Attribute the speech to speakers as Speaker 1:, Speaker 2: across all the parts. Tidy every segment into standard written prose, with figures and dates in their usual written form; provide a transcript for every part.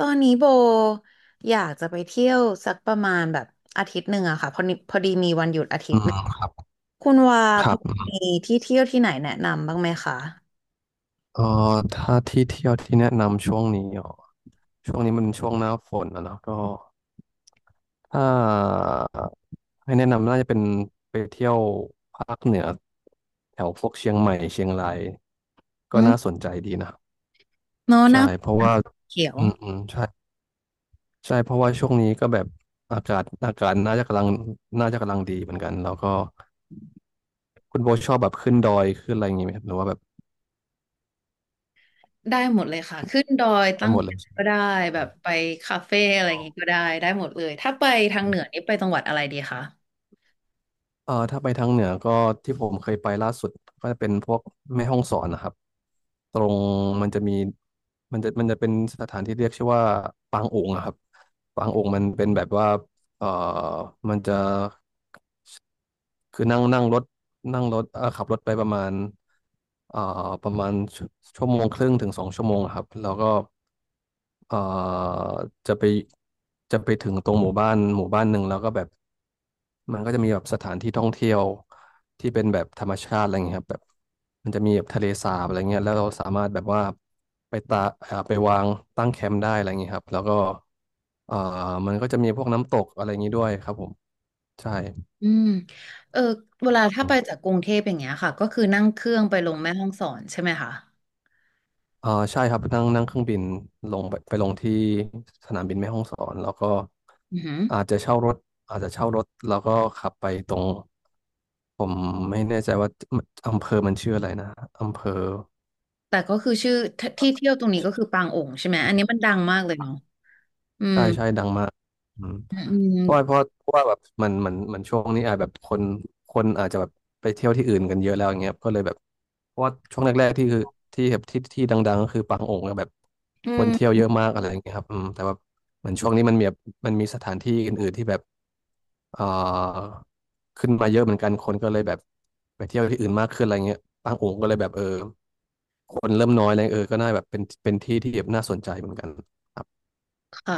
Speaker 1: ตอนนี้โบอยากจะไปเที่ยวสักประมาณแบบอาทิตย์หนึ่งอะค่ะพอดีพอดีมีวันหยุดอาทิต
Speaker 2: อื
Speaker 1: ย์หนึ่ง
Speaker 2: มครับ
Speaker 1: คุณว่า
Speaker 2: ค
Speaker 1: พ
Speaker 2: รั
Speaker 1: อ
Speaker 2: บ
Speaker 1: มีที่เที่ยวที่ไหนแนะนำบ้างไหมคะ
Speaker 2: เอ่ถ้าที่เที่ยวที่แนะนำช่วงนี้อ๋อช่วงนี้มันช่วงหน้าฝนนะเนาะก็ถ้าให้แนะนำน่าจะเป็นไปเที่ยวภาคเหนือแถวพวกเชียงใหม่เชียงราย
Speaker 1: อื
Speaker 2: ก็
Speaker 1: ม
Speaker 2: น่าสนใจดีนะ
Speaker 1: เนอะหน้า
Speaker 2: ใช่เพราะว่า
Speaker 1: เขียว
Speaker 2: อืมใช่ใช่เพราะว่าช่วงนี้ก็แบบอากาศน่าจะกำลังน่าจะกำลังดีเหมือนกันแล้วก็คุณโบชอบแบบขึ้นดอยขึ้นอะไรอย่างงี้ไหมครับหรือว่าแบบ
Speaker 1: ได้หมดเลยค่ะขึ้นดอย
Speaker 2: ได้
Speaker 1: ตั้ง
Speaker 2: หมด
Speaker 1: แค
Speaker 2: เลย
Speaker 1: มป์ก็ได้แบบไปคาเฟ่อะไรอย่างงี้ก็ได้ได้หมดเลยถ้าไปทางเหนือนี่ไปจังหวัดอะไรดีคะ
Speaker 2: ถ้าไปทางเหนือก็ที่ผมเคยไปล่าสุดก็จะเป็นพวกแม่ฮ่องสอนนะครับตรงมันจะมีมันจะเป็นสถานที่เรียกชื่อว่าปางโอ่งอะครับปางโอ่งมันเป็นแบบว่าเอ่อมันจะคือนั่งนั่งรถนั่งรถขับรถไปประมาณเอ่อประมาณชั่วโมงครึ่งถึงสองชั่วโมงอะครับแล้วก็ เอ่อจะไปจะไปถึงตรงหมู่บ้านหมู่บ้านหนึ่งแล้วก็แบบมันก็จะมีแบบสถานที่ท่องเที่ยวที่เป็นแบบธรรมชาติอะไรเงี้ยครับแบบมันจะมีแบบทะเลสาบอะไรเงี้ยแล้วเราสามารถแบบว่าไปตาไปวางตั้งแคมป์ได้อะไรเงี้ยครับแล้วก็เอ่อมันก็จะมีพวกน้ำตกอะไรอย่างงี้ด้วยครับผมใช่
Speaker 1: อืมเออเวลาถ้าไปจากกรุงเทพอย่างเงี้ยค่ะก็คือนั่งเครื่องไปลงแม่ฮ่องสอนใช่ไหมคะ
Speaker 2: อ่าใช่ครับนั่งนั่งเครื่องบินลงไปไปลงที่สนามบินแม่ฮ่องสอนแล้วก็
Speaker 1: อือหือ
Speaker 2: อาจจะเช่ารถอาจจะเช่ารถแล้วก็ขับไปตรงผมไม่แน่ใจว่าอำเภอมันชื่ออะไรนะอำเภอ
Speaker 1: แต่ก็คือชื่อที่เที่ยวตรงนี้ก็คือปางโองใช่ไหมอันนี้มันดังมากเลยเนาะอืม
Speaker 2: ใช่ใช่ดังมากอืม
Speaker 1: อืมอืม
Speaker 2: เพราะว่าเพราะว่าแบบมันช่วงนี้อาจแบบคนคนอาจจะแบบไปเที่ยวที่อื่นกันเยอะแล้วอย่างเงี้ยก็เลยแบบเพราะว่าช่วงแรกๆที่คือที่แบบที่ดังๆก็คือปางโองค์แบบ
Speaker 1: อื
Speaker 2: คนเที่ยวเย
Speaker 1: ม
Speaker 2: อะมากอะไรอย่างเงี้ยครับอืมแต่ว่าเหมือนช่วงนี้มันมีแบบมันมีสถานที่อื่นๆที่แบบเอ่อขึ้นมาเยอะเหมือนกันคนก็เลยแบบไปเที่ยวที่อื่นมากขึ้นอะไรเงี้ยปางโองค์ก็เลยแบบเออคนเริ่มน้อยอะไรเออก็น่าแบบเป็นที่ที่แบบน่าสนใจเหมือนกัน
Speaker 1: ค่ะ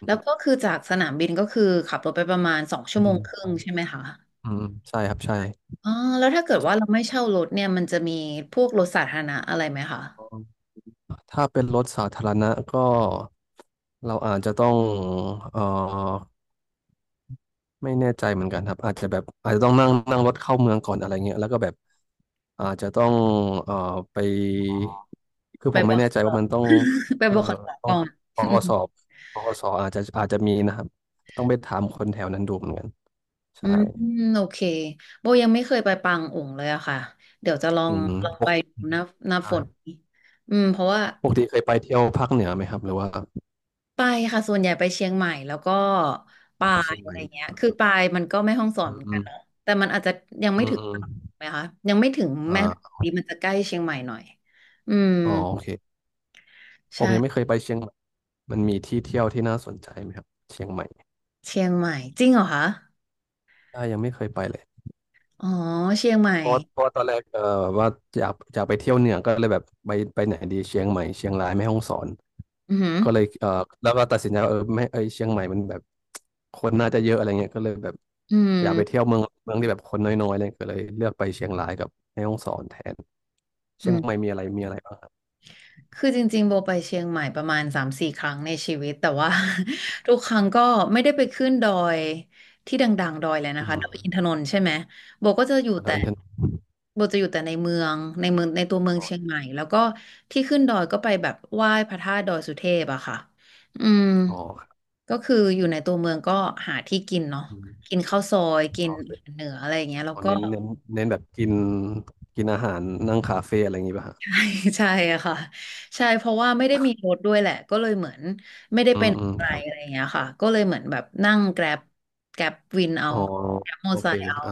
Speaker 2: อื
Speaker 1: แล้วก็
Speaker 2: ม
Speaker 1: คือจากสนามบินก็คือขับรถไปประมาณสองชั่
Speaker 2: อื
Speaker 1: วโมง
Speaker 2: ม
Speaker 1: ครึ่งใช่ไหมคะ
Speaker 2: อืมใช่ครับใช่
Speaker 1: อ๋อแล้วถ้าเกิดว่าเราไม่เช่ารถเนี่ยมันจะมีพวกรถสาธารณะอะไรไหมคะ
Speaker 2: ถ้าเป็นรถสาธารณะก็เราอาจจะต้องเอ่อไม่แน่ใจเหมือนกันครับอาจจะแบบอาจจะต้องนั่งนั่งรถเข้าเมืองก่อนอะไรเงี้ยแล้วก็แบบอาจจะต้องเอ่อไปคือ
Speaker 1: ไป
Speaker 2: ผม
Speaker 1: บ
Speaker 2: ไม่
Speaker 1: อก
Speaker 2: แน่ใจ
Speaker 1: ต่อ
Speaker 2: ว่ามันต้อง
Speaker 1: ไป
Speaker 2: เอ่
Speaker 1: บ
Speaker 2: อ
Speaker 1: อกขอ
Speaker 2: ต้อ
Speaker 1: ก่
Speaker 2: ง
Speaker 1: อน
Speaker 2: ป
Speaker 1: อื
Speaker 2: ก
Speaker 1: ม
Speaker 2: สอบปกสอาจจะอาจจะมีนะครับต้องไปถามคนแถวนั้นดูเหมือนกัน
Speaker 1: อื
Speaker 2: ใช่
Speaker 1: มโอเคโบยังไม่เคยไปปางอุองเลยอะค่ะเดี๋ยวจะลอ
Speaker 2: อื
Speaker 1: ง
Speaker 2: ม
Speaker 1: ลอง
Speaker 2: ป
Speaker 1: ไป
Speaker 2: ก
Speaker 1: ดูหน้าหน้า
Speaker 2: ใช่
Speaker 1: ฝนนี้อืมเพราะว่า
Speaker 2: ปกติเคยไปเที่ยวภาคเหนือไหมครับหรือว่า
Speaker 1: ไปค่ะส่วนใหญ่ไปเชียงใหม่แล้วก็
Speaker 2: ออ
Speaker 1: ปา
Speaker 2: กไป
Speaker 1: ย
Speaker 2: เชียงให
Speaker 1: อะไร
Speaker 2: ม่
Speaker 1: เงี้ยคือปายมันก็ไม่ห้องสอน
Speaker 2: อื
Speaker 1: เหมือนกัน
Speaker 2: ม
Speaker 1: เนาะแต่มันอาจจะยัง
Speaker 2: อื
Speaker 1: ไม่
Speaker 2: ม
Speaker 1: ถึง
Speaker 2: อืมอื
Speaker 1: ตรั
Speaker 2: ม
Speaker 1: งถูกไหมคะยังไม่ถึง
Speaker 2: อ่
Speaker 1: แม่ฮ่องส
Speaker 2: า
Speaker 1: อนดีมันจะใกล้เชียงใหม่หน่อยอืม
Speaker 2: อ๋อโอเคผ
Speaker 1: ใช่
Speaker 2: มยังไม่เคยไปเชียงใหม่มันมีที่เที่ยวที่น่าสนใจไหมครับเชียงใหม่
Speaker 1: เชียงใหม่จริงเหรอคะ
Speaker 2: อ่ายังไม่เคยไปเลย
Speaker 1: อ๋อเชียงใหม่
Speaker 2: เพราะเพราะตอนแรกแบบว่าอยากไปเที่ยวเหนือก็เลยแบบไปไปไหนดีเชียงใหม่เชียงรายแม่ฮ่องสอน
Speaker 1: อือหือ
Speaker 2: ก็เลยแล้วก็ตัดสินใจว่าเออไม่เอยเชียงใหม่มันแบบคนน่าจะเยอะอะไรเงี้ยก็เลยแบบ
Speaker 1: อื
Speaker 2: อยากไปเที่
Speaker 1: ม
Speaker 2: ยวเมืองที่แบบคนน้อยๆเลยก็เลยเลือกไปเชียงรายกับแม่ฮ่องสอนแทน
Speaker 1: อื
Speaker 2: เชียงใหม่
Speaker 1: ม
Speaker 2: มีอะไรบ้างครับ
Speaker 1: คือจริงๆโบไปเชียงใหม่ประมาณสามสี่ครั้งในชีวิตแต่ว่า ทุกครั้งก็ไม่ได้ไปขึ้นดอยที่ดังๆดอยเลย
Speaker 2: อื
Speaker 1: นะคะ
Speaker 2: ม
Speaker 1: ดอยอินทนนท์ใช่ไหมโบก็จะอยู่
Speaker 2: แล้
Speaker 1: แต่
Speaker 2: วอินเทอร์เน็ต
Speaker 1: โบจะอยู่แต่ในเมืองในเมืองในตัวเมือง
Speaker 2: อ๋อ
Speaker 1: เชียงใหม่แล้วก็ที่ขึ้นดอยก็ไปแบบไหว้พระธาตุดอยสุเทพอะค่ะอืม
Speaker 2: อ๋อครับ
Speaker 1: ก็คืออยู่ในตัวเมืองก็หาที่กินเนาะ
Speaker 2: อืม
Speaker 1: กินข้าวซอยกิน
Speaker 2: โอเค
Speaker 1: อาหารเหนืออะไรอย่างเงี้ยแล้
Speaker 2: อ๋
Speaker 1: ว
Speaker 2: อ
Speaker 1: ก็
Speaker 2: เน้นแบบกินกินอาหารนั่งคาเฟ่อะไรอย่างงี้ป่ะฮะ
Speaker 1: ใช่อะค่ะใช่เพราะว่าไม่ได้มีรถด้วยแหละก็เลยเหมือนไม่ได้
Speaker 2: อื
Speaker 1: เป็
Speaker 2: ม
Speaker 1: น
Speaker 2: อืม
Speaker 1: อะไร
Speaker 2: ครับ
Speaker 1: อะไรอย่างเงี้ยค่ะก็เลยเหมือนแบบนั่งแกร็บแกร็บวินเอา
Speaker 2: อ๋อ
Speaker 1: แกร็บมอเต
Speaker 2: โอ
Speaker 1: อร์ไซ
Speaker 2: เค
Speaker 1: ค์เอา
Speaker 2: อ่า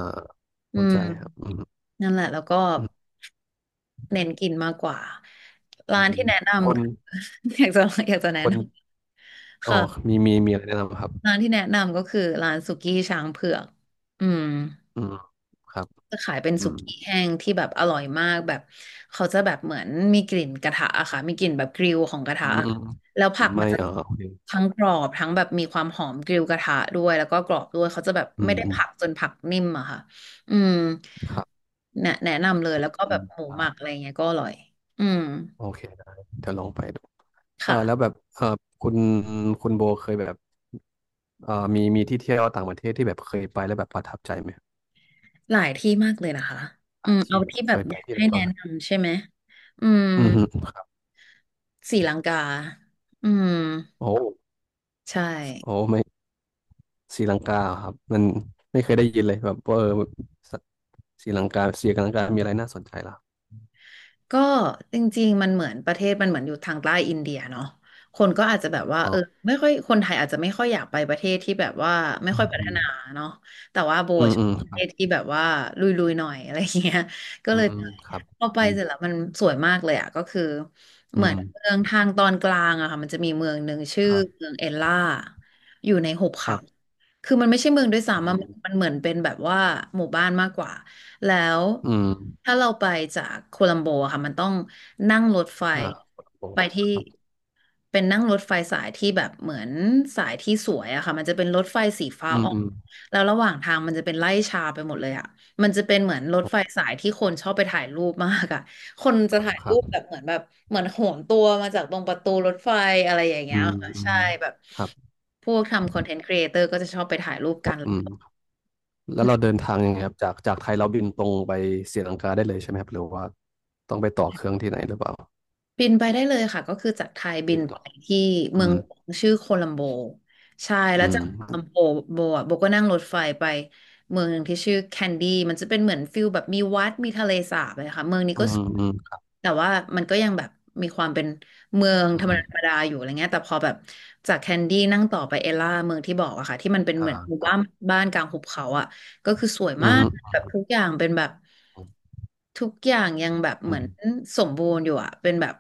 Speaker 1: อื
Speaker 2: เข้า
Speaker 1: ม
Speaker 2: ใจครับอืม
Speaker 1: นั่นแหละแล้วก็
Speaker 2: อืม
Speaker 1: เน้นกินมากกว่า
Speaker 2: อื
Speaker 1: ร้านที่
Speaker 2: ม
Speaker 1: แนะนำ
Speaker 2: คน
Speaker 1: อยากจะอยากจะ
Speaker 2: ค
Speaker 1: แนะน
Speaker 2: น
Speaker 1: ำ
Speaker 2: อ๋อ
Speaker 1: ค่ะ
Speaker 2: มีอะไรแนะนำครับ
Speaker 1: ร้านที่แนะนำก็คือร้านสุกี้ช้างเผือกอืม
Speaker 2: อืมครับ
Speaker 1: จะขายเป็น
Speaker 2: อื
Speaker 1: สุ
Speaker 2: ม
Speaker 1: กี้แห้งที่แบบอร่อยมากแบบเขาจะแบบเหมือนมีกลิ่นกระทะอะค่ะมีกลิ่นแบบกริลของกระ
Speaker 2: อื
Speaker 1: ทะ
Speaker 2: มอืม
Speaker 1: แล้วผักมั
Speaker 2: ไม่
Speaker 1: นจะ
Speaker 2: อ่าโอเคครั
Speaker 1: ทั้งก
Speaker 2: บ
Speaker 1: รอบทั้งแบบมีความหอมกริลกระทะด้วยแล้วก็กรอบด้วยเขาจะแบบ
Speaker 2: อื
Speaker 1: ไม่
Speaker 2: ม
Speaker 1: ได้
Speaker 2: อืม
Speaker 1: ผักจนผักนิ่มอะค่ะอืม
Speaker 2: ครับ
Speaker 1: แนะนำเลยแล้วก็
Speaker 2: อื
Speaker 1: แบบ
Speaker 2: ม
Speaker 1: หมูห
Speaker 2: ได้
Speaker 1: มักอะไรเงี้ยก็อร่อยอืม
Speaker 2: โอเคได้เดี๋ยวลองไปดูเออแล้วแบ
Speaker 1: ค่ะ
Speaker 2: บเออคุณคุณโบเคยแบบเออมีที่เที่ยวต่างประเทศที่แบบเคยไปแล้วแบบประทับใจไหม
Speaker 1: หลายที่มากเลยนะคะ
Speaker 2: ห
Speaker 1: อื
Speaker 2: ลาย
Speaker 1: มเอา
Speaker 2: ที่แบบ
Speaker 1: ที่แบ
Speaker 2: เค
Speaker 1: บ
Speaker 2: ย
Speaker 1: อ
Speaker 2: ไป
Speaker 1: ยาก
Speaker 2: ที่ไห
Speaker 1: ให้
Speaker 2: นบ้า
Speaker 1: แนะ
Speaker 2: งครับ
Speaker 1: นำใช่ไหมอืม
Speaker 2: อืมฮึ
Speaker 1: ศรีลังกาอืม
Speaker 2: โอ้
Speaker 1: ใช่
Speaker 2: โอ้ไม่ศรีลังกาเหรอครับมันไม่เคยได้ยินเลยแบบว่าเออสศรีลังกาศรีลังกา มีอะไรน่าสนใจล่ะ
Speaker 1: ก็จริงๆมันเหมือนประเทศมันเหมือนอยู่ทางใต้อินเดียเนาะคนก็อาจจะแบบว่า
Speaker 2: อ๋
Speaker 1: เอ
Speaker 2: อ
Speaker 1: อไม่ค่อยคนไทยอาจจะไม่ค่อยอยากไปประเทศที่แบบว่าไม่
Speaker 2: อื
Speaker 1: ค่อยพัฒ
Speaker 2: ม
Speaker 1: นาเนาะแต่ว่าโบ
Speaker 2: อืม
Speaker 1: ชอ
Speaker 2: อื
Speaker 1: บ
Speaker 2: มอืม
Speaker 1: ประ
Speaker 2: ค
Speaker 1: เท
Speaker 2: รับ
Speaker 1: ศที่แบบว่าลุยๆหน่อยอะไรอย่างเงี้ยก็
Speaker 2: อื
Speaker 1: เลย
Speaker 2: ม
Speaker 1: ไป
Speaker 2: ครับ
Speaker 1: พอไป
Speaker 2: อืม
Speaker 1: เสร็จแล้วมันสวยมากเลยอ่ะก็คือ
Speaker 2: อื
Speaker 1: เหมือ
Speaker 2: ม
Speaker 1: นเมืองทางตอนกลางอะค่ะมันจะมีเมืองหนึ่งชื่อ
Speaker 2: ครับ
Speaker 1: เมืองเอลล่าอยู่ในหุบ
Speaker 2: ค
Speaker 1: เขา
Speaker 2: รับ
Speaker 1: คือมันไม่ใช่เมืองด้วย
Speaker 2: อื
Speaker 1: ซ้ำอะมัน
Speaker 2: ม
Speaker 1: มันเหมือนเป็นแบบว่าหมู่บ้านมากกว่า แล้ว
Speaker 2: อืม
Speaker 1: ถ้าเราไปจากโคลัมโบอะค่ะมันต้องนั่งรถไฟ
Speaker 2: อ่าโอ้
Speaker 1: ไปที่
Speaker 2: ครับ
Speaker 1: เป็นนั่งรถไฟสายที่แบบเหมือนสายที่สวยอะค่ะมันจะเป็นรถไฟสีฟ้า
Speaker 2: อืม
Speaker 1: ออก
Speaker 2: อืม
Speaker 1: แล้วระหว่างทางมันจะเป็นไร่ชาไปหมดเลยอะมันจะเป็นเหมือนรถไฟ
Speaker 2: โอ้
Speaker 1: สายที่คนชอบไปถ่ายรูปมากอะคนจะถ่าย
Speaker 2: ค
Speaker 1: รู
Speaker 2: รั
Speaker 1: ปแบ
Speaker 2: บ
Speaker 1: บเหมือนแบบเหมือนโหนตัวมาจากตรงประตูรถไฟอะไรอย่าง
Speaker 2: อื
Speaker 1: เงี้ย
Speaker 2: มอื
Speaker 1: ใช่
Speaker 2: ม
Speaker 1: แบบ
Speaker 2: ครับ
Speaker 1: พวกทำคอนเทนต์ครีเอเตอร์ก็จะชอบไปถ่ายรูปกัน
Speaker 2: อืมแล้วเราเดินทางยังไงครับจากจากไทยเราบินตรงไปศรีลังกาได้เลยใช่ไหมครับหรือว่าต้องไปต่อเครื่องที่ไหนหรือเปล่า
Speaker 1: บินไปได้เลยค่ะก็คือจากไทยบิ
Speaker 2: บิ
Speaker 1: น
Speaker 2: น
Speaker 1: ไป
Speaker 2: ต่อ
Speaker 1: ที่เมื
Speaker 2: อื
Speaker 1: อง
Speaker 2: ม
Speaker 1: หลวงชื่อโคลัมโบใช่แล้ว
Speaker 2: อื
Speaker 1: จา
Speaker 2: ม
Speaker 1: กโคลัมโบโบอ่ะโบก็นั่งรถไฟไปเมืองหนึ่งที่ชื่อแคนดี้มันจะเป็นเหมือนฟิลแบบมีวัดมีทะเลสาบเลยค่ะเมืองนี้
Speaker 2: อื
Speaker 1: ก็สว
Speaker 2: ม
Speaker 1: ย
Speaker 2: อืม
Speaker 1: แต่ว่ามันก็ยังแบบมีความเป็นเมือง
Speaker 2: อื
Speaker 1: ธรรมดาธรร
Speaker 2: ม
Speaker 1: มดาอยู่อะไรเงี้ยแต่พอแบบจากแคนดี้นั่งต่อไปเอล่าเมืองที่บอกอะค่ะที่มันเป็น
Speaker 2: อ่า
Speaker 1: เหมือนหมู่
Speaker 2: ครั
Speaker 1: บ้าน
Speaker 2: บ
Speaker 1: บ้านกลางหุบเขาอะ ก็คือสวย
Speaker 2: อื
Speaker 1: มา
Speaker 2: อ
Speaker 1: ก
Speaker 2: ฮึ
Speaker 1: แบบทุกอย่างเป็นแบบ
Speaker 2: อื
Speaker 1: ทุกอย่างยังแบบเหมือน
Speaker 2: ม
Speaker 1: สมบูรณ์อยู่อะเป็นแบบ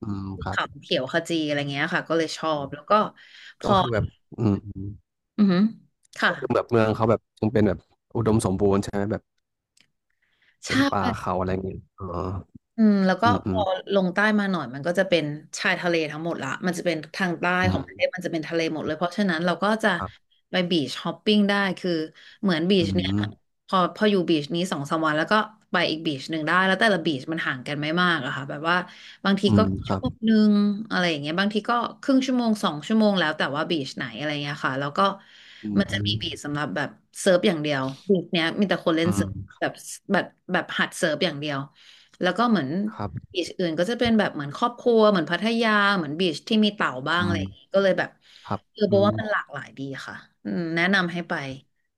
Speaker 2: อืมครับ
Speaker 1: เขาเขียวขจีอะไรเงี้ยค่ะก็เลยชอบแล้วก็พ
Speaker 2: ก็
Speaker 1: อ
Speaker 2: คือแบบอืมอืม
Speaker 1: อือหือค่ะ
Speaker 2: ก็คือแบบเมืองเขาแบบยังเป็นแบบอุดมสมบูรณ์ใช่ไหมแบบเป็
Speaker 1: ใช่
Speaker 2: นป่าเขาอะไรอย่างเงี้ยอ๋อ
Speaker 1: อืมแล้วก็
Speaker 2: อืม
Speaker 1: พ
Speaker 2: อืม
Speaker 1: อลงใต้มาหน่อยมันก็จะเป็นชายทะเลทั้งหมดละมันจะเป็นทางใต้
Speaker 2: อื
Speaker 1: ของประเทศ
Speaker 2: ม
Speaker 1: มันจะเป็นทะเลหมดเลยเพราะฉะนั้นเราก็จะ
Speaker 2: ครับ
Speaker 1: ไปบีชฮอปปิ้งได้คือเหมือนบี
Speaker 2: อื
Speaker 1: ชเนี่ย
Speaker 2: ม
Speaker 1: พออยู่บีชนี้สองสามวันแล้วก็ไปอีกบีชหนึ่งได้แล้วแต่ละบีชมันห่างกันไม่มากอะค่ะแบบว่าบางที
Speaker 2: อื
Speaker 1: ก็
Speaker 2: มค
Speaker 1: ชั่
Speaker 2: รั
Speaker 1: ว
Speaker 2: บ
Speaker 1: โมงหนึ่งอะไรอย่างเงี้ยบางทีก็ครึ่งชั่วโมง2 ชั่วโมงแล้วแต่ว่าบีชไหนอะไรเงี้ยค่ะแล้วก็
Speaker 2: อืม
Speaker 1: มัน
Speaker 2: อื
Speaker 1: จะ
Speaker 2: ม
Speaker 1: มีบีชสำหรับแบบเซิร์ฟอย่างเดียวบีชเนี้ยมีแต่คนเล่
Speaker 2: อื
Speaker 1: นเซิร์ฟ
Speaker 2: ม
Speaker 1: แบบแบบแบบหัดเซิร์ฟอย่างเดียว แล้วก็เหมือน
Speaker 2: ครับ
Speaker 1: บีชอื่นก็จะเป็นแบบเหมือนครอบครัวเหมือนพัทยาเหมือนบีชที่มีเต่าบ้าง
Speaker 2: อื
Speaker 1: อะไร
Speaker 2: ม
Speaker 1: อย่างงี้ก็เลยแบบ
Speaker 2: ครับ
Speaker 1: เออบ
Speaker 2: อื
Speaker 1: อกว่า
Speaker 2: ม
Speaker 1: มันหลากหลายดีค่ะอืมแนะนำให้ไป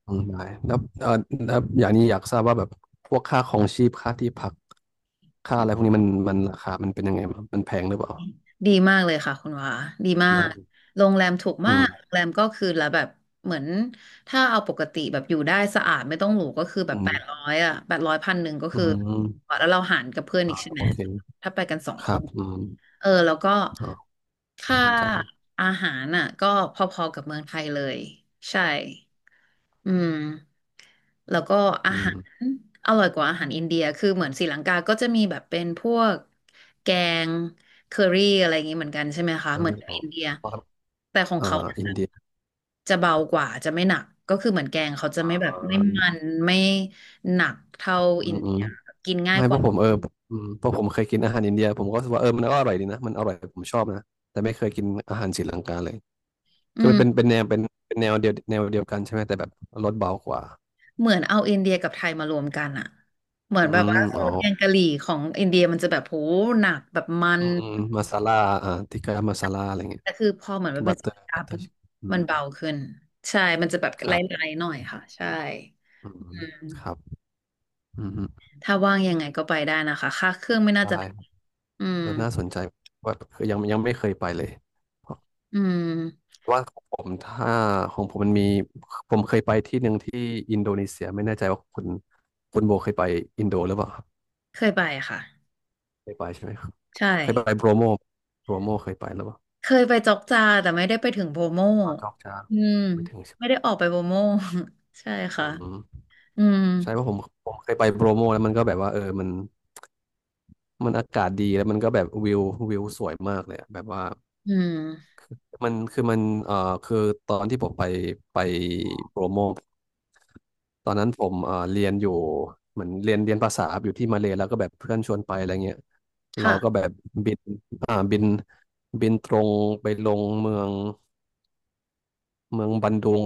Speaker 2: อืมได้แล้วแล้วอย่างนี้อยากทราบว่าแบบพวกค่าครองชีพค่าที่พักค่าอะไรพวกนี้มันราคามันเป็นยังไงบ้างมันแพงหรือเปล่า
Speaker 1: ดีมากเลยค่ะคุณวาดี
Speaker 2: ดี
Speaker 1: มา
Speaker 2: มา
Speaker 1: ก
Speaker 2: ก
Speaker 1: โรงแรมถูก
Speaker 2: อื
Speaker 1: มากโรง
Speaker 2: ม
Speaker 1: แรมก็คือละแบบเหมือนถ้าเอาปกติแบบอยู่ได้สะอาดไม่ต้องหรูก็คือแบ
Speaker 2: อื
Speaker 1: บแป
Speaker 2: ม
Speaker 1: ดร้อยอะแปดร้อย1,000ก็
Speaker 2: อื
Speaker 1: คือ
Speaker 2: ม
Speaker 1: แล้วเราหารกับเพื่อนอี
Speaker 2: อ่า
Speaker 1: กใช่ไหม
Speaker 2: โอเค
Speaker 1: ถ้าไปกันสอง
Speaker 2: ค
Speaker 1: ค
Speaker 2: รั
Speaker 1: น
Speaker 2: บอืม
Speaker 1: เออแล้วก็
Speaker 2: อ๋อ
Speaker 1: ค่า
Speaker 2: น่าสนใจ
Speaker 1: อาหารน่ะก็พอๆกับเมืองไทยเลยใช่อืมแล้วก็อา
Speaker 2: อื
Speaker 1: หาร
Speaker 2: ม
Speaker 1: อร่อยกว่าอาหารอินเดียคือเหมือนศรีลังกา ก็จะมีแบบเป็นพวกแกงเคอรี่อะไรอย่างนี้เหมือนกันใช่ไหมคะ
Speaker 2: น่า
Speaker 1: เหมือน
Speaker 2: เรียน
Speaker 1: กับ
Speaker 2: ออ
Speaker 1: อิ
Speaker 2: ก
Speaker 1: นเดีย
Speaker 2: ว่า
Speaker 1: แต่ของ
Speaker 2: เอ่อ
Speaker 1: เขา
Speaker 2: อินเดีย
Speaker 1: จะเบากว่าจะไม่หนักก็คือเหมือนแกงเขาจะ
Speaker 2: อ่
Speaker 1: ไม่แบบ
Speaker 2: า
Speaker 1: ไม่มันไม่หนักเท่า
Speaker 2: อื
Speaker 1: อิน
Speaker 2: มอื
Speaker 1: เดี
Speaker 2: ม
Speaker 1: ยกินง่าย
Speaker 2: ไม่
Speaker 1: ก
Speaker 2: เพ
Speaker 1: ว่า
Speaker 2: ราะผมอืมเพราะผมเคยกินอาหารอินเดียผมก็รู้สึกว่าเออมันก็อร่อยดีนะมันอร่อยผมชอบนะแต่ไม่เคยกินอาหารศรีลังกาเลยคื
Speaker 1: อื
Speaker 2: อมันเป็น
Speaker 1: ม
Speaker 2: เป็นแนวเป็นแนวเดียวกันใช่ไหมแต่แบบรสเบากว่า
Speaker 1: เหมือนเอาอินเดียกับไทยมารวมกันอะเหมือน
Speaker 2: อื
Speaker 1: แบบ
Speaker 2: ม
Speaker 1: ว่าซ
Speaker 2: อ๋
Speaker 1: อ
Speaker 2: อ
Speaker 1: สแกงกะหรี่ของอินเดียมันจะแบบโหหนักแบบมัน
Speaker 2: อืมอืมมาซาล่าอ่าทิกกามาซาล่าอะไรเงี้ย
Speaker 1: แต่คือพอเหมือนมัน
Speaker 2: บั
Speaker 1: เป็น
Speaker 2: ตเต
Speaker 1: ส
Speaker 2: อร์
Speaker 1: ปา
Speaker 2: บัต
Speaker 1: ร์
Speaker 2: เตอ
Speaker 1: ปุ๊
Speaker 2: ร์
Speaker 1: บ
Speaker 2: อื
Speaker 1: มั
Speaker 2: ม
Speaker 1: นเบาขึ้นใช่มันจะแบบ
Speaker 2: ค
Speaker 1: ไล
Speaker 2: รั
Speaker 1: ่
Speaker 2: บ
Speaker 1: ๆหน่อยค่ะใช่
Speaker 2: อื
Speaker 1: อื
Speaker 2: ม
Speaker 1: ม
Speaker 2: ครับอืมอืม
Speaker 1: ถ้าว่างยังไงก็ไปได้นะคะค่าเครื่องไม่น่า
Speaker 2: ได้
Speaker 1: จะแพงอืม
Speaker 2: น่าสนใจว่าคือยังไม่เคยไปเลยเพราะ
Speaker 1: อืม
Speaker 2: ว่าของผมถ้าของผมมันมีผมเคยไปที่หนึ่งที่อินโดนีเซีย ไม่แน่ใจว่าคุณโบเคยไปอินโดหรือเปล่าครับ
Speaker 1: เคยไปค่ะ
Speaker 2: เคยไป ใช่ไหมครับ
Speaker 1: ใช่
Speaker 2: เคยไปโบรโมโบรโมเคยไปหรือเปล่า
Speaker 1: เคยไปจอกจาแต่ไม่ได้ไปถึงโบโม
Speaker 2: อ๋อจอกจา
Speaker 1: อืม
Speaker 2: ไม่ถึงใช่ไหม
Speaker 1: ไม่ได้ออกไปโบโม ใช่
Speaker 2: อื
Speaker 1: ค่ะ
Speaker 2: ม
Speaker 1: อืม
Speaker 2: ใช่เพราะผมเคยไปโบรโมแล้วมันก็แบบว่าเออมันอากาศดีแล้วมันก็แบบวิวสวยมากเลยอะแบบว่า
Speaker 1: อืม
Speaker 2: มันคือมันคือตอนที่ผมไปโปรโมทตอนนั้นผมเรียนอยู่เหมือนเรียนภาษาอยู่ที่มาเลย์แล้วก็แบบเพื่อนชวนไปอะไรเงี้ยเราก็แบ
Speaker 1: ค่ะ
Speaker 2: บบินอ่าบินบินตรงไปลงเมืองบันดุง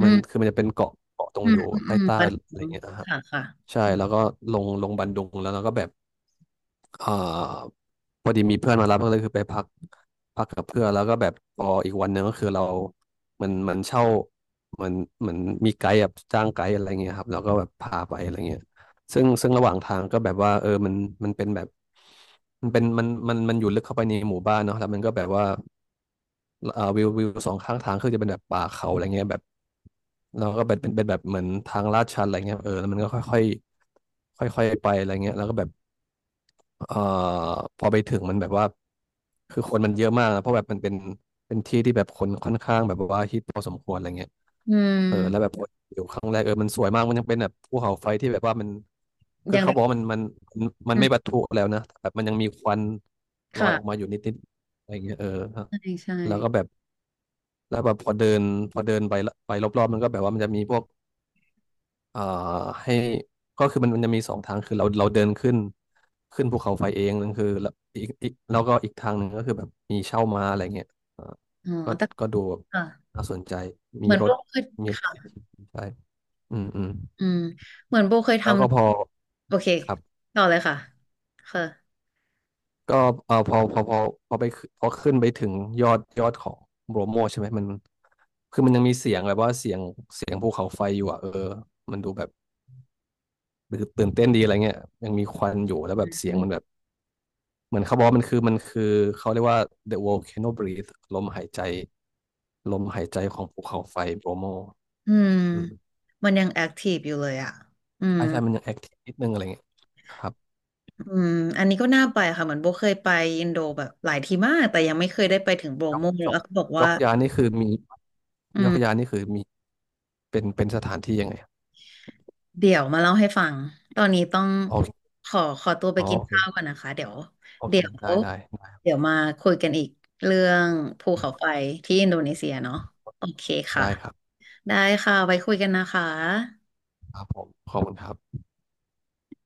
Speaker 1: อื
Speaker 2: มัน
Speaker 1: ม
Speaker 2: คือมันจะเป็นเกาะตรง
Speaker 1: อื
Speaker 2: อ
Speaker 1: ม
Speaker 2: ยู่
Speaker 1: อืมอื
Speaker 2: ใต้
Speaker 1: มประเด็
Speaker 2: อะไร
Speaker 1: น
Speaker 2: เงี้ยนะฮะ
Speaker 1: ค่ะค่ะ
Speaker 2: ใช่แล้วก็ลงบันดุงแล้วเราก็แบบ เอ่อพอดีมีเพื่อนมารับก็เลยคือไปพักกับเพื่อนแล้วก็แบบพออีกวันหนึ่งก็คือเราเหมันมันเช่าเหมอนเหมือนมีไกด์แบบจ้างไกด์อะไรเงี้ยครับแล้วก็แบบพาไปอะไรเงี้ยซึ่งระหว่างทางก็แบบว่าเออมันมันเป็นแบบมันเป็นมันมันมันอยู่ลึกเข้าไปในหมู่บ้านเนาะแล้วมันก็แบบว่าวิวสองข้างทางคือจะเป็นแบบป่าเขาอะไรเงี้ยแบบเราก็เป็นแบบเหมือนทางลาดชันอะไรเงี้ยเออแล้วมันก็ค่อยค่อยค่อยๆไปอะไรเงี้ยแล้วก็แบบ เอ่อพอไปถึงมันแบบว่าคือคนมันเยอะมากนะเพราะแบบมันเป็นที่ที่แบบคนค่อนข้างแบบว่าฮิตพอสมควรอะไรเงี้ย
Speaker 1: อืม
Speaker 2: เออแล้วแบบคนอยู่ครั้งแรกเออมันสวยมากมันยังเป็นแบบภูเขาไฟที่แบบว่ามัน
Speaker 1: อ
Speaker 2: คือ
Speaker 1: ย่าง
Speaker 2: เขา
Speaker 1: ไร
Speaker 2: บอกว่ามัน
Speaker 1: อื
Speaker 2: ไม่
Speaker 1: ม
Speaker 2: ปะทุแล้วนะแต่แบบมันยังมีควันลอย
Speaker 1: ค่ะ
Speaker 2: ออกมาอยู่นิดๆอะไรเงี้ยเออฮะ
Speaker 1: ใช่ใช่
Speaker 2: แล้วก็แบบแล้วแบบพอเดินไปละไปรอบๆมันก็แบบว่ามันจะมีพวก เอ่อให้ก็คือมันจะมีสองทางคือเราเดินขึ้นภูเขาไฟเองนั่นคือแล้วอีกอีกแล้วก็อีกทางหนึ่งก็คือแบบมีเช่าม้าอะไรเงี้ยเอ่อ
Speaker 1: อ๋อ
Speaker 2: ก็
Speaker 1: แต่
Speaker 2: ก็ดูแบบ
Speaker 1: ค่ะ
Speaker 2: น่าสนใจ
Speaker 1: เห
Speaker 2: มี
Speaker 1: มือน
Speaker 2: ร
Speaker 1: โบ
Speaker 2: ถ
Speaker 1: เคย
Speaker 2: มีรถ
Speaker 1: ค่ะ
Speaker 2: ใช่อืมอืม
Speaker 1: อืมเหมือนโบเคยท
Speaker 2: แล้วก็พอ
Speaker 1: ำโอเค
Speaker 2: ครับ
Speaker 1: ต่อเลยค่ะค่ะ
Speaker 2: ก็เอ่อพอพอพอพอไปขึ้นพอขึ้นไปถึงยอดของโบรโมใช่ไหมมันคือมันยังมีเสียงแบบว่าเสียงภูเขาไฟอยู่อ่ะเออมันดูแบบตื่นเต้นดีอะไรเงี้ยยังมีควันอยู่แล้วแบบเสียงมันแบบ เหมือนเขาบอกว่ามันคือเขาเรียกว่า the volcano breath ลมหายใจลมหายใจของภูเขาไฟโบรโม
Speaker 1: อืม
Speaker 2: อืม
Speaker 1: มันยังแอคทีฟอยู่เลยอ่ะอืม
Speaker 2: ใช่ใช่ มันยังแอคทีฟนิดนึงอะไรเงี้ยครับ
Speaker 1: อืมอันนี้ก็น่าไปค่ะเหมือนโบเคยไปอินโดแบบหลายทีมากแต่ยังไม่เคยได้ไปถึงโบ
Speaker 2: ยก
Speaker 1: โมเลย
Speaker 2: ยก
Speaker 1: แล้วเขบอก
Speaker 2: ย
Speaker 1: ว่า
Speaker 2: กยานี่คือมี
Speaker 1: อื
Speaker 2: ยกยา
Speaker 1: ม
Speaker 2: นี่คือเป็นสถานที่ยังไงอะ
Speaker 1: เดี๋ยวมาเล่าให้ฟัง ตอนนี้ต้อง
Speaker 2: โอเค
Speaker 1: ขอขอตัวไป
Speaker 2: อ๋อ
Speaker 1: กิน
Speaker 2: โอเค
Speaker 1: ข้าวก่อนนะคะ
Speaker 2: โอเค
Speaker 1: เดี๋ยว
Speaker 2: ได้ได้ได้
Speaker 1: เดี๋ยวมาคุยกันอีกเรื่องภู
Speaker 2: โอ
Speaker 1: เขา
Speaker 2: เค
Speaker 1: ไฟที่อินโดนีเซียเนาะโอเคค่ะ
Speaker 2: ได้ครับ
Speaker 1: ได้ค่ะไว้คุยกันนะคะ
Speaker 2: ครับผมขอบคุณครับ